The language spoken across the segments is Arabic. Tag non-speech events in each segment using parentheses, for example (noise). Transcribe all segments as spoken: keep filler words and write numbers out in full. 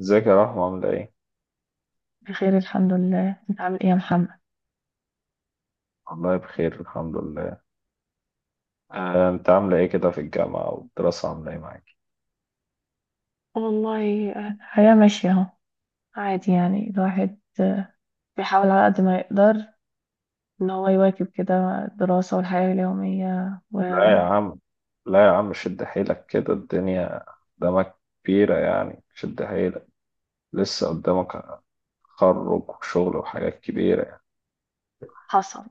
ازيك يا رحمة عاملة ايه؟ بخير الحمد لله، انت عامل ايه يا محمد؟ والله بخير الحمد لله. آه، انت عاملة ايه كده في الجامعة والدراسة عاملة ايه معاك؟ والله آه، الحياة ماشية اهو. عادي يعني، الواحد آه، بيحاول على قد ما يقدر ان هو يواكب كده الدراسة والحياة اليومية، لا يا وحصل. عم، لا يا عم، شد حيلك، كده الدنيا قدامك كبيرة، يعني شد حيلك، لسه قدامك تخرج وشغل وحاجات كبيرة يعني.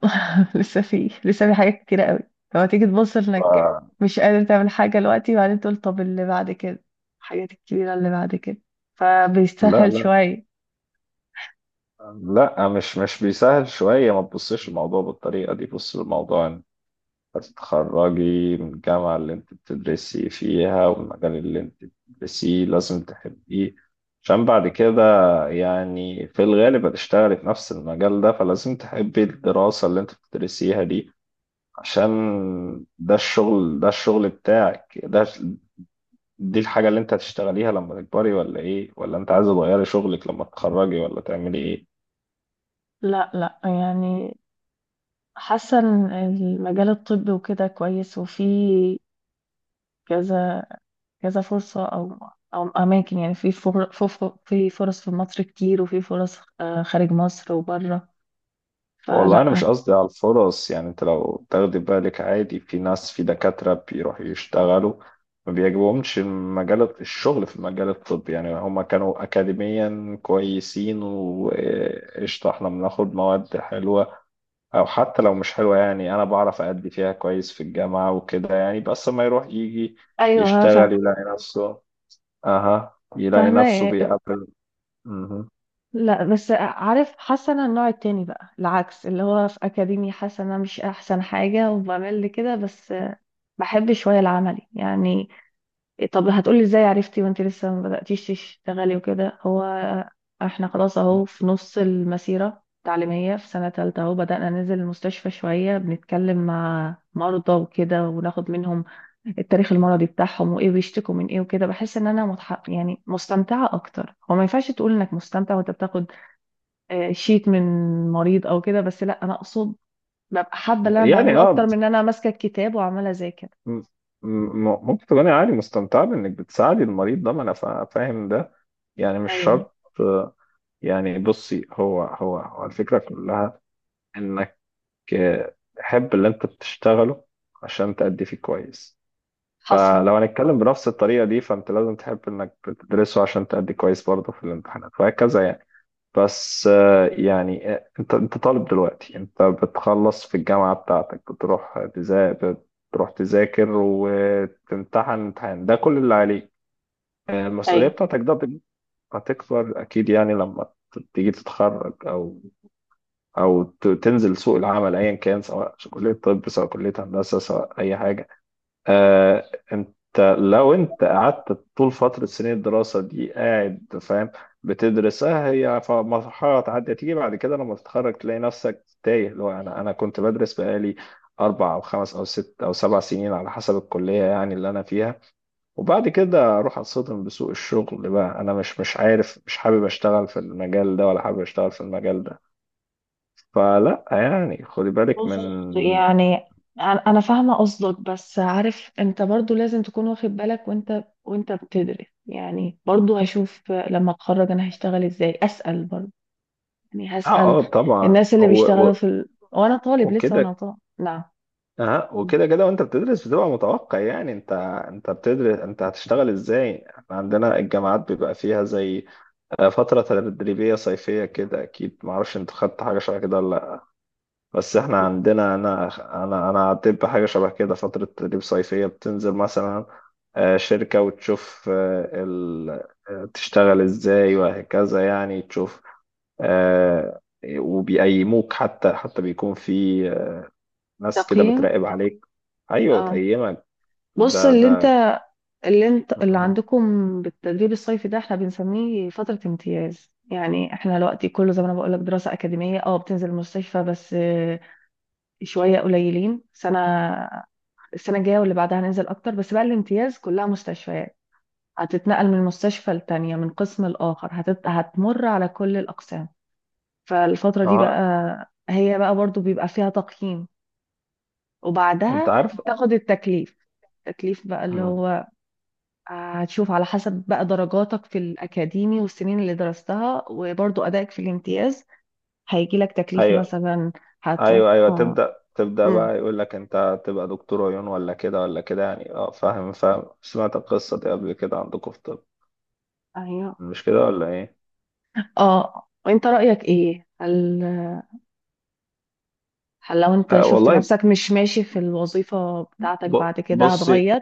(laughs) لسه في لسه في حاجات كتيرة قوي لما تيجي تبص ف... انك مش قادر تعمل حاجة دلوقتي، وبعدين تقول طب اللي بعد كده، الحاجات الكبيرة اللي بعد كده، لا، فبيستاهل لا، شوية. لا مش مش بيسهل شوية، ما تبصش الموضوع بالطريقة دي، بص الموضوع هتتخرجي من الجامعة اللي انت بتدرسي فيها، والمجال اللي انت بتدرسيه لازم تحبيه عشان بعد كده يعني في الغالب هتشتغلي في نفس المجال ده، فلازم تحبي الدراسة اللي انت بتدرسيها دي عشان ده الشغل ده الشغل بتاعك ده، دي الحاجة اللي انت هتشتغليها لما تكبري، ولا ايه؟ ولا انت عايزة تغيري شغلك لما تتخرجي ولا تعملي ايه؟ لا لا يعني، حاسة ان المجال الطبي وكده كويس، وفي كذا كذا فرصة أو أو أماكن، يعني في فر- في ف- في فرص في مصر كتير، وفي فرص آه، خارج مصر وبره، والله انا مش فلا. قصدي على الفرص، يعني انت لو تاخدي بالك عادي في ناس، في دكاترة بيروحوا يشتغلوا ما بيعجبهمش المجال الشغل في المجال الطبي، يعني هما كانوا اكاديميا كويسين وقشطة، احنا بناخد مواد حلوة، او حتى لو مش حلوة، يعني انا بعرف ادي فيها كويس في الجامعة وكده يعني، بس ما يروح يجي ايوه يشتغل فا- يلاقي نفسه. اها، يلاقي نفسه فاهمة. بيقابل. مهم. لا بس عارف، حاسه انا النوع التاني بقى العكس، اللي هو في اكاديمي حاسه انا مش احسن حاجه وبعمل لي كده بس، بحب شويه العملي يعني. إيه طب هتقولي ازاي عرفتي وانت لسه ما بدأتيش تشتغلي وكده؟ هو احنا خلاص اهو في نص المسيرة التعليمية، في سنة تالتة اهو بدأنا ننزل المستشفى شوية، بنتكلم مع مرضى وكده وناخد منهم التاريخ المرضي بتاعهم وايه بيشتكوا من ايه وكده. بحس ان انا متح... يعني مستمتعة اكتر. هو ما ينفعش تقول انك مستمتع وانت بتاخد آه، شيت من مريض او كده، بس لا انا اقصد ببقى حابة اللي انا يعني بعمله اكتر اه من ان انا ماسكة الكتاب وعمالة اذاكر. م- م- ممكن تكوني عادي مستمتعة بإنك بتساعدي المريض ده، ما أنا فا- فاهم ده، يعني مش ايوه، شرط. آه، يعني بصي، هو هو هو الفكرة كلها إنك آه، تحب اللي أنت بتشتغله عشان تأدي فيه كويس، حصل. فلو هنتكلم بنفس الطريقة دي فأنت لازم تحب إنك بتدرسه عشان تأدي كويس برضه في الامتحانات وهكذا يعني. بس آه، يعني آه، انت انت طالب دلوقتي، انت بتخلص في الجامعة بتاعتك، بتروح تذا- بتروح تذاكر وتمتحن امتحان ده كل اللي عليك. آه، المسؤولية ايوه بتاعتك ده بت- هتكبر أكيد يعني لما ت- تيجي تتخرج، أو أو ت- تنزل سوق العمل، أيا كان، سواء كلية طب، سواء كلية هندسة، سواء أي حاجة. آه انت لو انت قعدت طول فترة سنين الدراسة دي قاعد فاهم بتدرسها هي، ف- مرحلة تعدي ليه بعد كده لما تتخرج تلاقي نفسك تايه، اللي هو انا انا كنت بدرس بقالي اربع او خمس او ست او سبع سنين على حسب الكلية يعني اللي انا فيها، وبعد كده اروح اتصدم بسوق الشغل، بقى انا مش مش عارف مش حابب اشتغل في المجال ده ولا حابب اشتغل في المجال ده. فلا يعني، خدي بالك بص، من. يعني انا أنا فاهمه قصدك، بس عارف انت برضو لازم تكون واخد بالك وانت وانت بتدرس يعني، برضو هشوف لما اتخرج انا هشتغل ازاي، اسال برضو، يعني اه هسال اه، طبعا الناس اللي هو بيشتغلوا و- في ال... وانا طالب لسه، وانا وكده. طالب نعم. اه وكده كده وانت بتدرس بتبقى متوقع، يعني انت انت بتدرس انت هتشتغل ازاي. احنا عندنا الجامعات بيبقى فيها زي آه، فترة تدريبية صيفية كده، اكيد معرفش انت خدت حاجة شبه كده ولا لا، بس احنا عندنا انا، انا انا عديت بحاجة شبه كده، فترة تدريب صيفية بتنزل مثلا آه، شركة وتشوف آه، ال... آه، تشتغل ازاي وهكذا يعني، تشوف. آه، وبيقيموك، حتى حتى بيكون في ناس كده تقييم، بتراقب عليك، ايوه اه. وتقيمك. بص ده اللي ده انت، اللي انت اللي عندكم بالتدريب الصيفي ده، احنا بنسميه فترة امتياز. يعني احنا دلوقتي كله زي ما انا بقول لك دراسة أكاديمية، اه بتنزل المستشفى بس شوية قليلين. سنة السنة الجاية واللي بعدها هننزل أكتر، بس بقى الامتياز كلها مستشفيات، هتتنقل من مستشفى لتانية، من قسم لآخر، هتت... هتمر على كل الأقسام. فالفترة دي اه بقى هي بقى برضو بيبقى فيها تقييم، انت وبعدها عارف. تاخد التكليف. التكليف بقى اللي مم. هو آه، هتشوف على حسب بقى درجاتك في الأكاديمي والسنين اللي درستها وبرضو أدائك في الامتياز، هيجي لك تكليف ايوه، مثلا ايوه، هتروح ايوه، آه، تبدا تبدا مم. بقى يقول لك انت تبقى دكتور عيون ولا كده ولا كده يعني، اه فاهم فاهم، سمعت القصه دي قبل كده عندكم في الطب، أيوه. مش كده ولا ايه؟ اه، وانت رأيك ايه؟ هل هل لو انت آه شفت والله، نفسك مش ماشي في الوظيفة بتاعتك ب- بعد كده بصي هتغير؟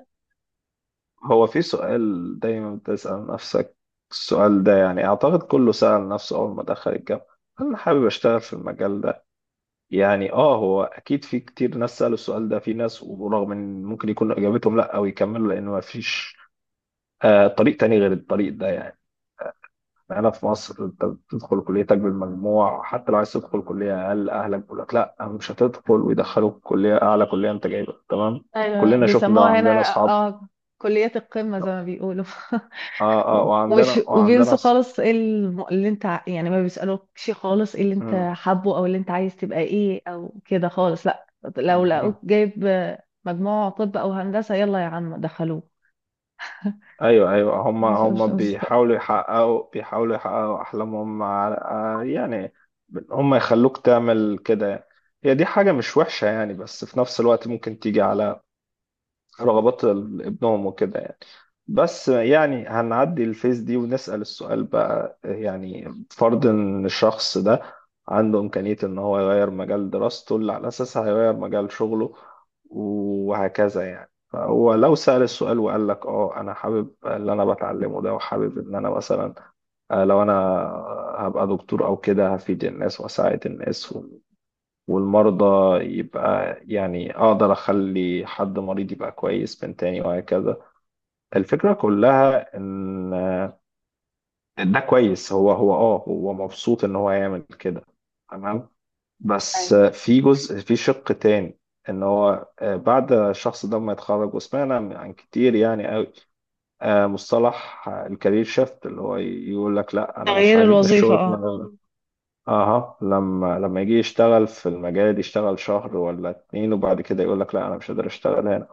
هو في سؤال دايما بتسال نفسك السؤال ده، يعني اعتقد كله سال نفسه اول ما دخل الجامعه، هل انا حابب اشتغل في المجال ده؟ يعني اه هو اكيد في كتير ناس سالوا السؤال ده، في ناس ورغم ان ممكن يكون اجابتهم لا او يكملوا لان ما فيش آه، طريق تاني غير الطريق ده يعني. هنا في مصر انت بتدخل كليتك بالمجموع، حتى لو عايز تدخل كلية أقل أهلك بيقول لك لا مش هتدخل، ويدخلوك كلية أعلى، كلية أنت جايبها تمام. ايوه كلنا شفنا ده بيسموها هنا. وعندنا أصحاب. اه، كلية القمة زي ما بيقولوا. اه اه، (laughs) وعندنا وش وعندنا وبينسوا أص... خالص ايه الم- اللي انت ع- يعني ما بيسألوكش خالص ايه اللي انت مم. حابه او اللي انت عايز تبقى ايه او كده خالص، لا. لو مهم. لقوك جايب مجموع طب او هندسة يلا يا عم دخلوه. ايوه، ايوه، هم مش مش هم مستاهل. بيحاولوا يحققوا بيحاولوا يحققوا احلامهم على- آه، يعني هم يخلوك تعمل كده يعني. هي دي حاجة مش وحشة يعني، بس في نفس الوقت ممكن تيجي على رغبات ال- ابنهم وكده يعني. بس يعني هنعدي الفيس دي ونسأل السؤال بقى، يعني فرض ان الشخص ده عنده إمكانية ان هو يغير مجال دراسته اللي على أساسها هيغير مجال شغله وهكذا يعني. فهو لو سأل السؤال وقال لك اه انا حابب اللي انا بتعلمه ده وحابب ان انا مثلا آه، لو انا هبقى دكتور او كده هفيد الناس واساعد الناس والمرضى، يبقى يعني أقدر أخلي حد مريض يبقى كويس من تاني وهكذا، الفكرة كلها إن ده كويس، هو هو آه هو مبسوط إن هو يعمل كده تمام. بس أيوة. في جزء، في شق تاني، إن هو آه، بعد الشخص ده ما يتخرج وسمعنا عن كتير يعني قوي مصطلح الكارير شيفت، اللي هو يقول لك لا أنا مش تغيير عاجبني الوظيفة، الشغل في اه. المجال ده. اها، لما لما يجي يشتغل في المجال، يشتغل شهر ولا اتنين وبعد كده يقول لك لا انا مش قادر اشتغل هنا،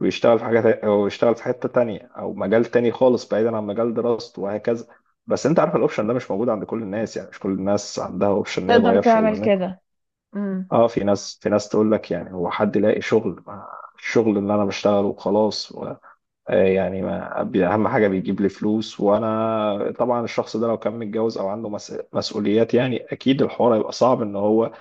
ويشتغل في حاجه تا- او يشتغل في حته تانية او مجال تاني خالص بعيدا عن مجال دراسته وهكذا. بس انت عارف الاوبشن ده مش موجود عند كل الناس، يعني مش كل الناس عندها اوبشن ان هي تقدر تغير تعمل شغلانتها. كده. اه، في ناس في ناس تقول لك يعني هو حد يلاقي شغل؟ ما الشغل اللي انا بشتغله وخلاص و- آه يعني ما بي- اهم حاجه بيجيب لي فلوس. وانا طبعا الشخص ده لو كان متجوز او عنده مس- مسؤوليات، يعني اكيد الحوار هيبقى صعب ان هو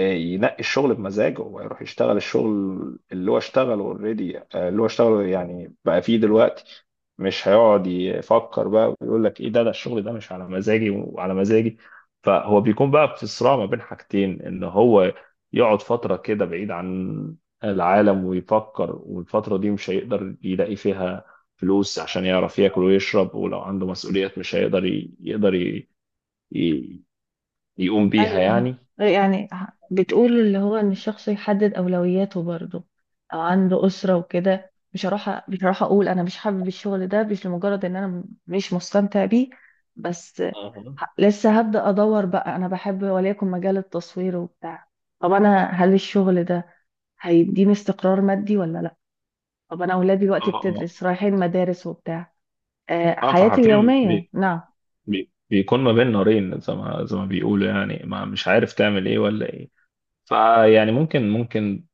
ينقي الشغل بمزاجه ويروح يشتغل الشغل اللي هو اشتغله اوريدي اللي هو اشتغله يعني بقى فيه دلوقتي، مش هيقعد يفكر بقى ويقول لك ايه ده، ده الشغل ده مش على مزاجي وعلى مزاجي. فهو بيكون بقى في صراع ما بين حاجتين، ان هو يقعد فترة كده بعيد عن العالم ويفكر، والفترة دي مش هيقدر يلاقي فيها فلوس عشان يعرف ياكل ويشرب، ولو عنده مسؤوليات مش هيقدر ي- يقدر ي- ي- يقوم بيها ايوه يعني. يعني، بتقول اللي هو ان الشخص يحدد اولوياته برضه، او عنده اسره وكده، مش هروح أ- مش هروح اقول انا مش حابب الشغل ده مش لمجرد ان انا م- مش مستمتع بيه بس. أها. ه- لسه هبدا ادور بقى، انا بحب وليكن مجال التصوير وبتاع. طب انا هل الشغل ده هيديني استقرار مادي ولا لا؟ طب انا اولادي اه دلوقتي اه بتدرس رايحين مدارس وبتاع، أه اه، حياتي فحرفيا اليوميه بي نعم. بي بيكون ما بين نارين، زي ما زي ما بيقولوا يعني، ما مش عارف تعمل ايه ولا ايه. فيعني ممكن ممكن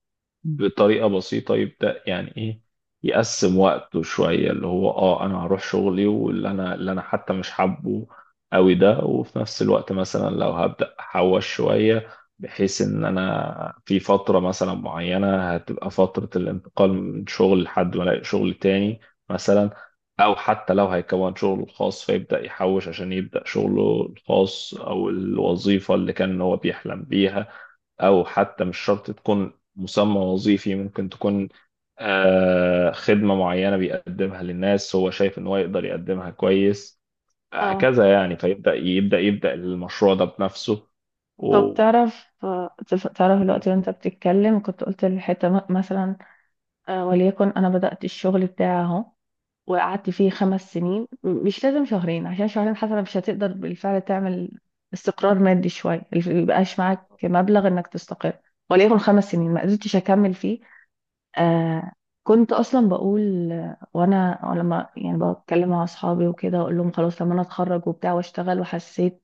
بطريقه بسيطه يبدا يعني ايه، يقسم وقته شويه، اللي هو اه انا هروح شغلي واللي انا، اللي انا حتى مش حابه قوي ده، وفي نفس الوقت مثلا لو هبدا احوش شويه بحيث ان انا في فتره مثلا معينه هتبقى فتره الانتقال من شغل لحد ما الاقي شغل تاني مثلا، او حتى لو هيكون شغله الخاص فيبدا يحوش عشان يبدا شغله الخاص، او الوظيفه اللي كان هو بيحلم بيها، او حتى مش شرط تكون مسمى وظيفي، ممكن تكون آه، خدمة معينة بيقدمها للناس هو شايف ان هو يقدر يقدمها كويس، اه. هكذا يعني، فيبدأ يبدأ يبدأ المشروع ده بنفسه طب و... تعرف، تف- تعرف الوقت وانت بتتكلم كنت قلت الحتة م- مثلا آه، وليكن انا بدأت الشغل بتاعي اهو، وقعدت فيه خمس سنين م- مش لازم شهرين، عشان شهرين حتى مش هتقدر بالفعل تعمل استقرار مادي شوية، ميبقاش معاك مبلغ انك تستقر. وليكن خمس سنين ما قدرتش اكمل فيه. آه، كنت اصلا بقول آه، وانا لما يعني بتكلم مع اصحابي وكده اقول لهم خلاص لما انا اتخرج وبتاع واشتغل، وحسيت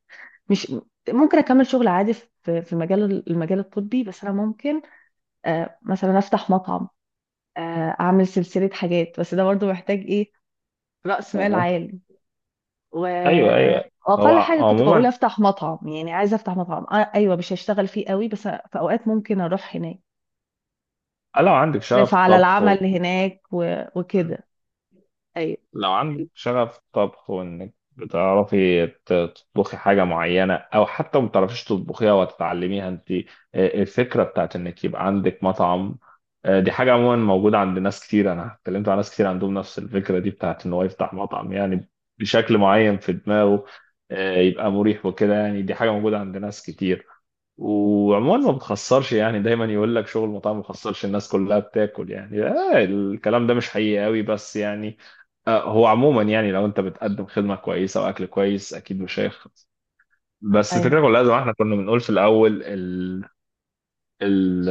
مش ممكن اكمل شغل عادي في في مجال المجال الطبي، بس انا ممكن آه، مثلا افتح مطعم، آه، اعمل سلسله حاجات. بس ده برضو محتاج ايه؟ راس مال اها، عالي. و، ايوه، ايوه، هو واقل حاجه كنت بقول عموما افتح مطعم، يعني عايزه افتح مطعم آه، ايوه، مش هشتغل فيه قوي، بس في اوقات ممكن اروح هناك لو يعني، عندك شغف اشرف على الطبخ، العمل هناك و... وكده. ايوه لو عندك شغف طبخ وانك بتعرفي ت- تطبخي حاجة معينة، او حتى ما بتعرفيش تطبخيها وتتعلميها انت، آه، الفكرة بتاعت انك يبقى عندك مطعم، آه، دي حاجة عموما موجودة عند ناس كتير، انا اتكلمت مع ناس كتير عندهم نفس الفكرة دي بتاعت ان هو يفتح مطعم يعني بشكل معين في دماغه، آه، يبقى مريح وكده يعني، دي حاجة موجودة عند ناس كتير. وعموما ما بتخسرش يعني، دايما يقول لك شغل المطاعم ما بيخسرش، الناس كلها بتاكل يعني. آه الكلام ده مش حقيقي قوي، بس يعني آه هو عموما يعني لو انت بتقدم خدمة كويسة واكل كويس اكيد مش هيخسر. بس الفكرة ايوه. كلها زي ما احنا كنا بنقول في الاول ال ال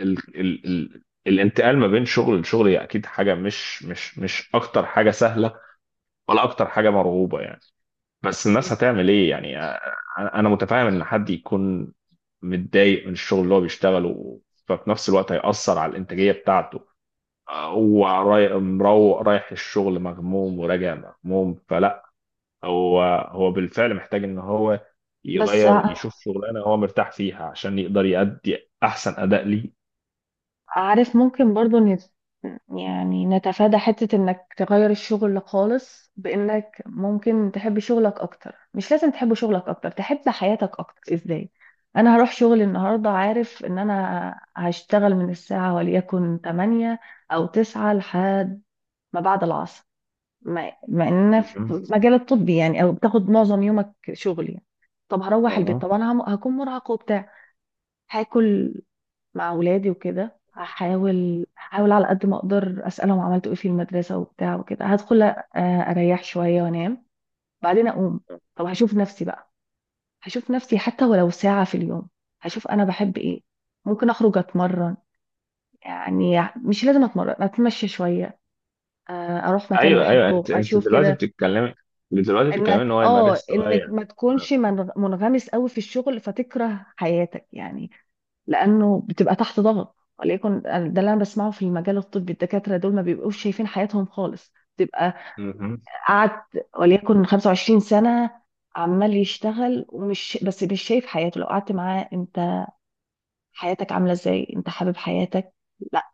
ال ال ال الانتقال ما بين شغل لشغل هي اكيد حاجة مش مش مش اكتر حاجة سهلة ولا اكتر حاجة مرغوبة يعني. بس الناس هتعمل ايه يعني آه، انا أنا متفاهم ان حد يكون متضايق من الشغل اللي هو بيشتغله، ففي نفس الوقت هيأثر على الانتاجية بتاعته. آه، هو راي- مروق رايح الشغل مغموم وراجع مغموم، فلا هو هو بالفعل محتاج ان هو بس يغير، يشوف شغلانة هو مرتاح فيها عشان يقدر يأدي احسن اداء ليه. عارف، ممكن برضو نت... يعني نتفادى حتة انك تغير الشغل خالص بانك ممكن تحب شغلك اكتر. مش لازم تحب شغلك اكتر، تحب حياتك اكتر ازاي. انا هروح شغلي النهاردة عارف ان انا هشتغل من الساعة وليكن تمانية او تسعة لحد ما بعد العصر، مع مع ان في مهم. المجال الطبي يعني او بتاخد معظم يومك شغل يعني. طب هروح البيت، أها. طب انا هم- هكون مرهقة وبتاع، هاكل مع ولادي وكده، هحاول هحاول على قد ما اقدر اسالهم عملتوا ايه في المدرسه وبتاع وكده، هدخل أ- اريح شويه وانام. بعدين اقوم، طب هشوف نفسي بقى، هشوف نفسي حتى ولو ساعه في اليوم هشوف انا بحب ايه. ممكن اخرج اتمرن، يعني مش لازم اتمرن، اتمشى شويه، آه، اروح مكان ايوه، ايوه، بحبه انت انت اشوف دلوقتي كده. بتتكلمي، دلوقتي بتتكلمي ان انك هو اه يمارس انك هواية. ما تكونش من- منغمس قوي في الشغل فتكره حياتك يعني. لانه بتبقى تحت ضغط، وليكن ده اللي انا بسمعه في المجال الطبي، الدكاتره دول ما بيبقوش شايفين حياتهم خالص، بتبقى مهم. قعد وليكن خمسة وعشرين سنة سنه عمال يشتغل، ومش بس مش شايف حياته، لو قعدت معاه انت حياتك عامله ازاي، انت حابب حياتك؟ لا.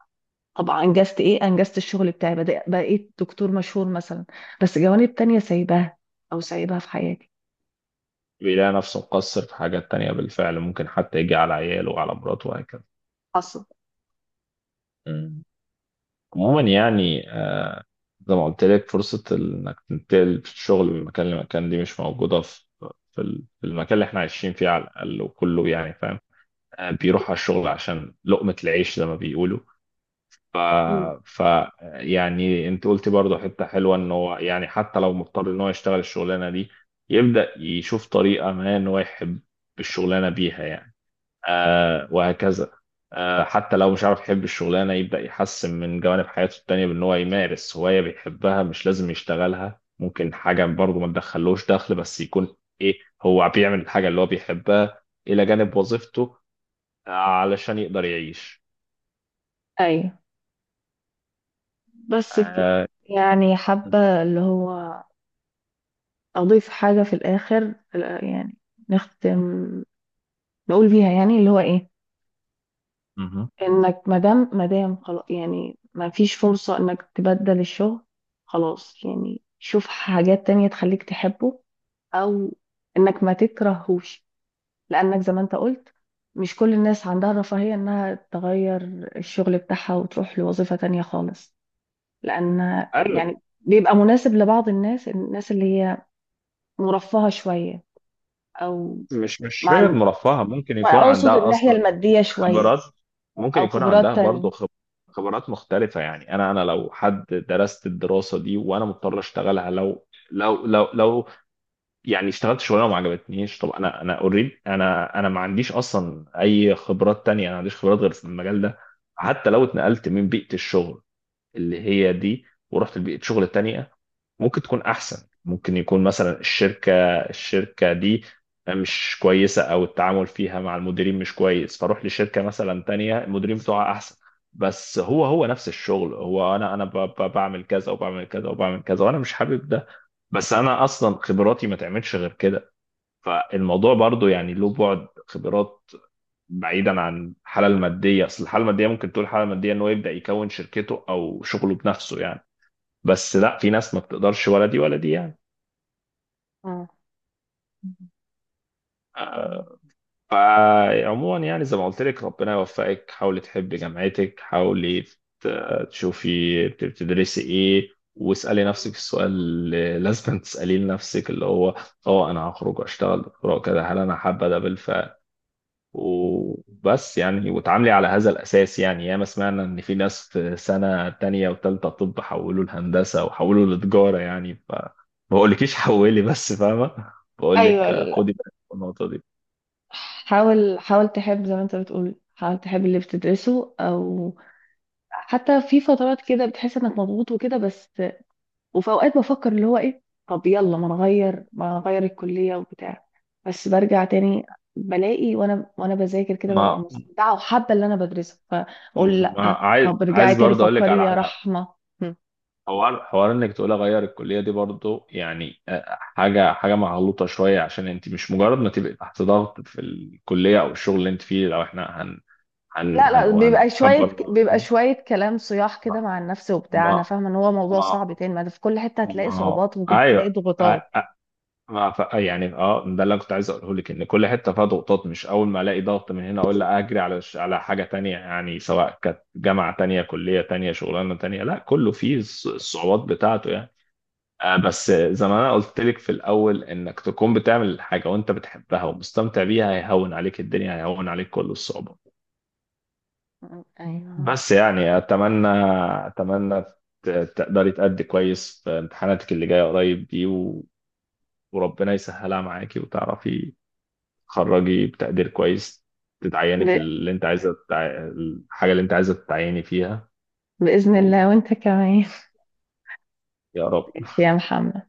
طبعا انجزت ايه، انجزت الشغل بتاعي، بدأ- بقيت دكتور مشهور مثلا، بس جوانب تانية سايباها او سايباها في حياتي. بيلاقي نفسه مقصر في حاجات تانية بالفعل، ممكن حتى يجي على عياله وعلى مراته وهكذا. حصل. مم. عموما يعني آه، زي ما قلت لك، فرصة إنك تنتقل في الشغل من مكان لمكان دي مش موجودة في في ال- في المكان اللي احنا عايشين فيه على الأقل، وكله يعني فاهم آه، بيروح على الشغل عشان لقمة العيش زي ما بيقولوا. ف... مم. ف يعني انت قلتي برضه حتة حلوة ان هو يعني حتى لو مضطر ان هو يشتغل الشغلانة دي يبدأ يشوف طريقة ما ان هو يحب الشغلانة بيها يعني آه وهكذا. آه حتى لو مش عارف يحب الشغلانة، يبدأ يحسن من جوانب حياته التانية بأن هو يمارس هواية بيحبها، مش لازم يشتغلها، ممكن حاجة برضه ما تدخلوش دخل، بس يكون إيه هو بيعمل الحاجة اللي هو بيحبها إلى جانب وظيفته آه، علشان يقدر يعيش. ايوه بس كده، آه يعني حابه اللي هو أضيف حاجة في الآخر آه، يعني نختم نقول بيها، يعني اللي هو إيه، مهم. إنك مادام مادام خلاص يعني ما فيش فرصة إنك تبدل الشغل، خلاص يعني شوف حاجات تانية تخليك تحبه، أو إنك ما تكرهوش، لأنك زي ما أنت قلت مش كل الناس عندها الرفاهية إنها تغير الشغل بتاعها وتروح لوظيفة تانية خالص. لأن أيوة. يعني بيبقى مناسب لبعض الناس، الناس اللي هي مرفهة شوية، أو، مش مش فكرة مع، مرفهة، ممكن يكون واقصد عندها الناحية أصلا المادية شوية، خبرات، ممكن او يكون عندها خبرات تانية. برضو خب- خبرات مختلفة يعني. أنا أنا لو حد درست الدراسة دي وأنا مضطر أشتغلها لو، لو لو لو يعني اشتغلت شغلانة وما عجبتنيش، طب أنا، أنا أوريد، أنا أنا ما عنديش أصلا أي خبرات تانية، أنا ما عنديش خبرات غير في المجال ده. حتى لو اتنقلت من بيئة الشغل اللي هي دي، ورحت لبيئة شغل تانية ممكن تكون احسن، ممكن يكون مثلا الشركه الشركه دي مش كويسه، او التعامل فيها مع المديرين مش كويس، فاروح لشركه مثلا تانية المديرين بتوعها احسن، بس هو هو نفس الشغل، هو انا، انا ب- ب- بعمل كذا وبعمل كذا وبعمل كذا وانا مش حابب ده، بس انا اصلا خبراتي ما تعملش غير كده. فالموضوع برضو يعني له بعد خبرات بعيدا عن الحاله الماديه. اصل الحاله الماديه ممكن تقول الحاله الماديه ان هو يبدا يكون شركته او شغله بنفسه يعني، بس لا، في ناس ما بتقدرش ولا دي ولا دي يعني. مم. آه، فعموما يعني زي ما قلت لك، ربنا يوفقك، حاولي تحبي جامعتك، حاولي ت- تشوفي بت- بتدرسي ايه، واسألي نفسك السؤال اللي (laughs) لازم تسأليه لنفسك، اللي هو اه انا هخرج واشتغل دكتوراه كده هل انا حابة ده بالفعل، وبس يعني، وتعاملي على هذا الاساس يعني. ياما سمعنا ان في ناس في سنة تانية وتالتة طب حولوا لهندسة وحولوا لتجارة يعني، ف ما بقولكيش حولي بس فاهمة، ايوه بقولك آه، ال- خدي بالك من النقطة دي. حاول حاول تحب، زي ما انت بتقول حاول تحب اللي بتدرسه، او حتى في فترات كده بتحس انك مضغوط وكده بس، وفي اوقات بفكر اللي هو ايه، طب يلا ما نغير ما نغير الكلية وبتاع، بس برجع تاني، بلاقي وانا وانا بذاكر كده ببقى ما مستمتعة وحابة اللي انا بدرسه، فبقول مم. لا عايز، طب ارجعي عايز تاني برضه اقول لك فكري على يا حاجه، رحمة. حوار حوار انك تقول اغير الكليه دي برضه يعني آه، حاجه حاجه مغلوطه شويه، عشان انت مش مجرد ما تبقي تحت ضغط في الكليه او الشغل اللي انت فيه. لو احنا هن هن لا هن لا بيبقى هنكبر شوية، الموضوع ده بيبقى شوية. شوية كلام صياح ما كده مع النفس وبتاع. أنا فاهمة إن هو موضوع ما صعب تاني، ما ده في كل حتة ما هتلاقي ما هو صعوبات وتلاقي ايوه، ضغوطات. ما ف... يعني اه ده اللي أنا كنت عايز اقوله لك ان كل حته فيها ضغوطات، مش اول ما الاقي ضغط من هنا اقول لا اجري على ش... على حاجه تانية يعني، سواء كانت جامعه تانية كليه تانية شغلانه تانية، لا كله فيه الص- الصعوبات بتاعته يعني. آه بس زي ما انا قلت لك في الاول، انك تكون بتعمل حاجه وانت بتحبها ومستمتع بيها هيهون عليك الدنيا، هيهون عليك كل الصعوبات. أيوه. بس يعني اتمنى، اتمنى ت- تقدري تأدي كويس في امتحاناتك اللي جايه قريب دي و... وربنا يسهلها معاكي، وتعرفي تخرجي بتقدير كويس، تتعيني في ب... اللي انت عايزه تتع... الحاجه اللي انت عايزه تتعيني فيها. بإذن ويا الله، وأنت كمان. (laughs) رب. ماشي يا محمد.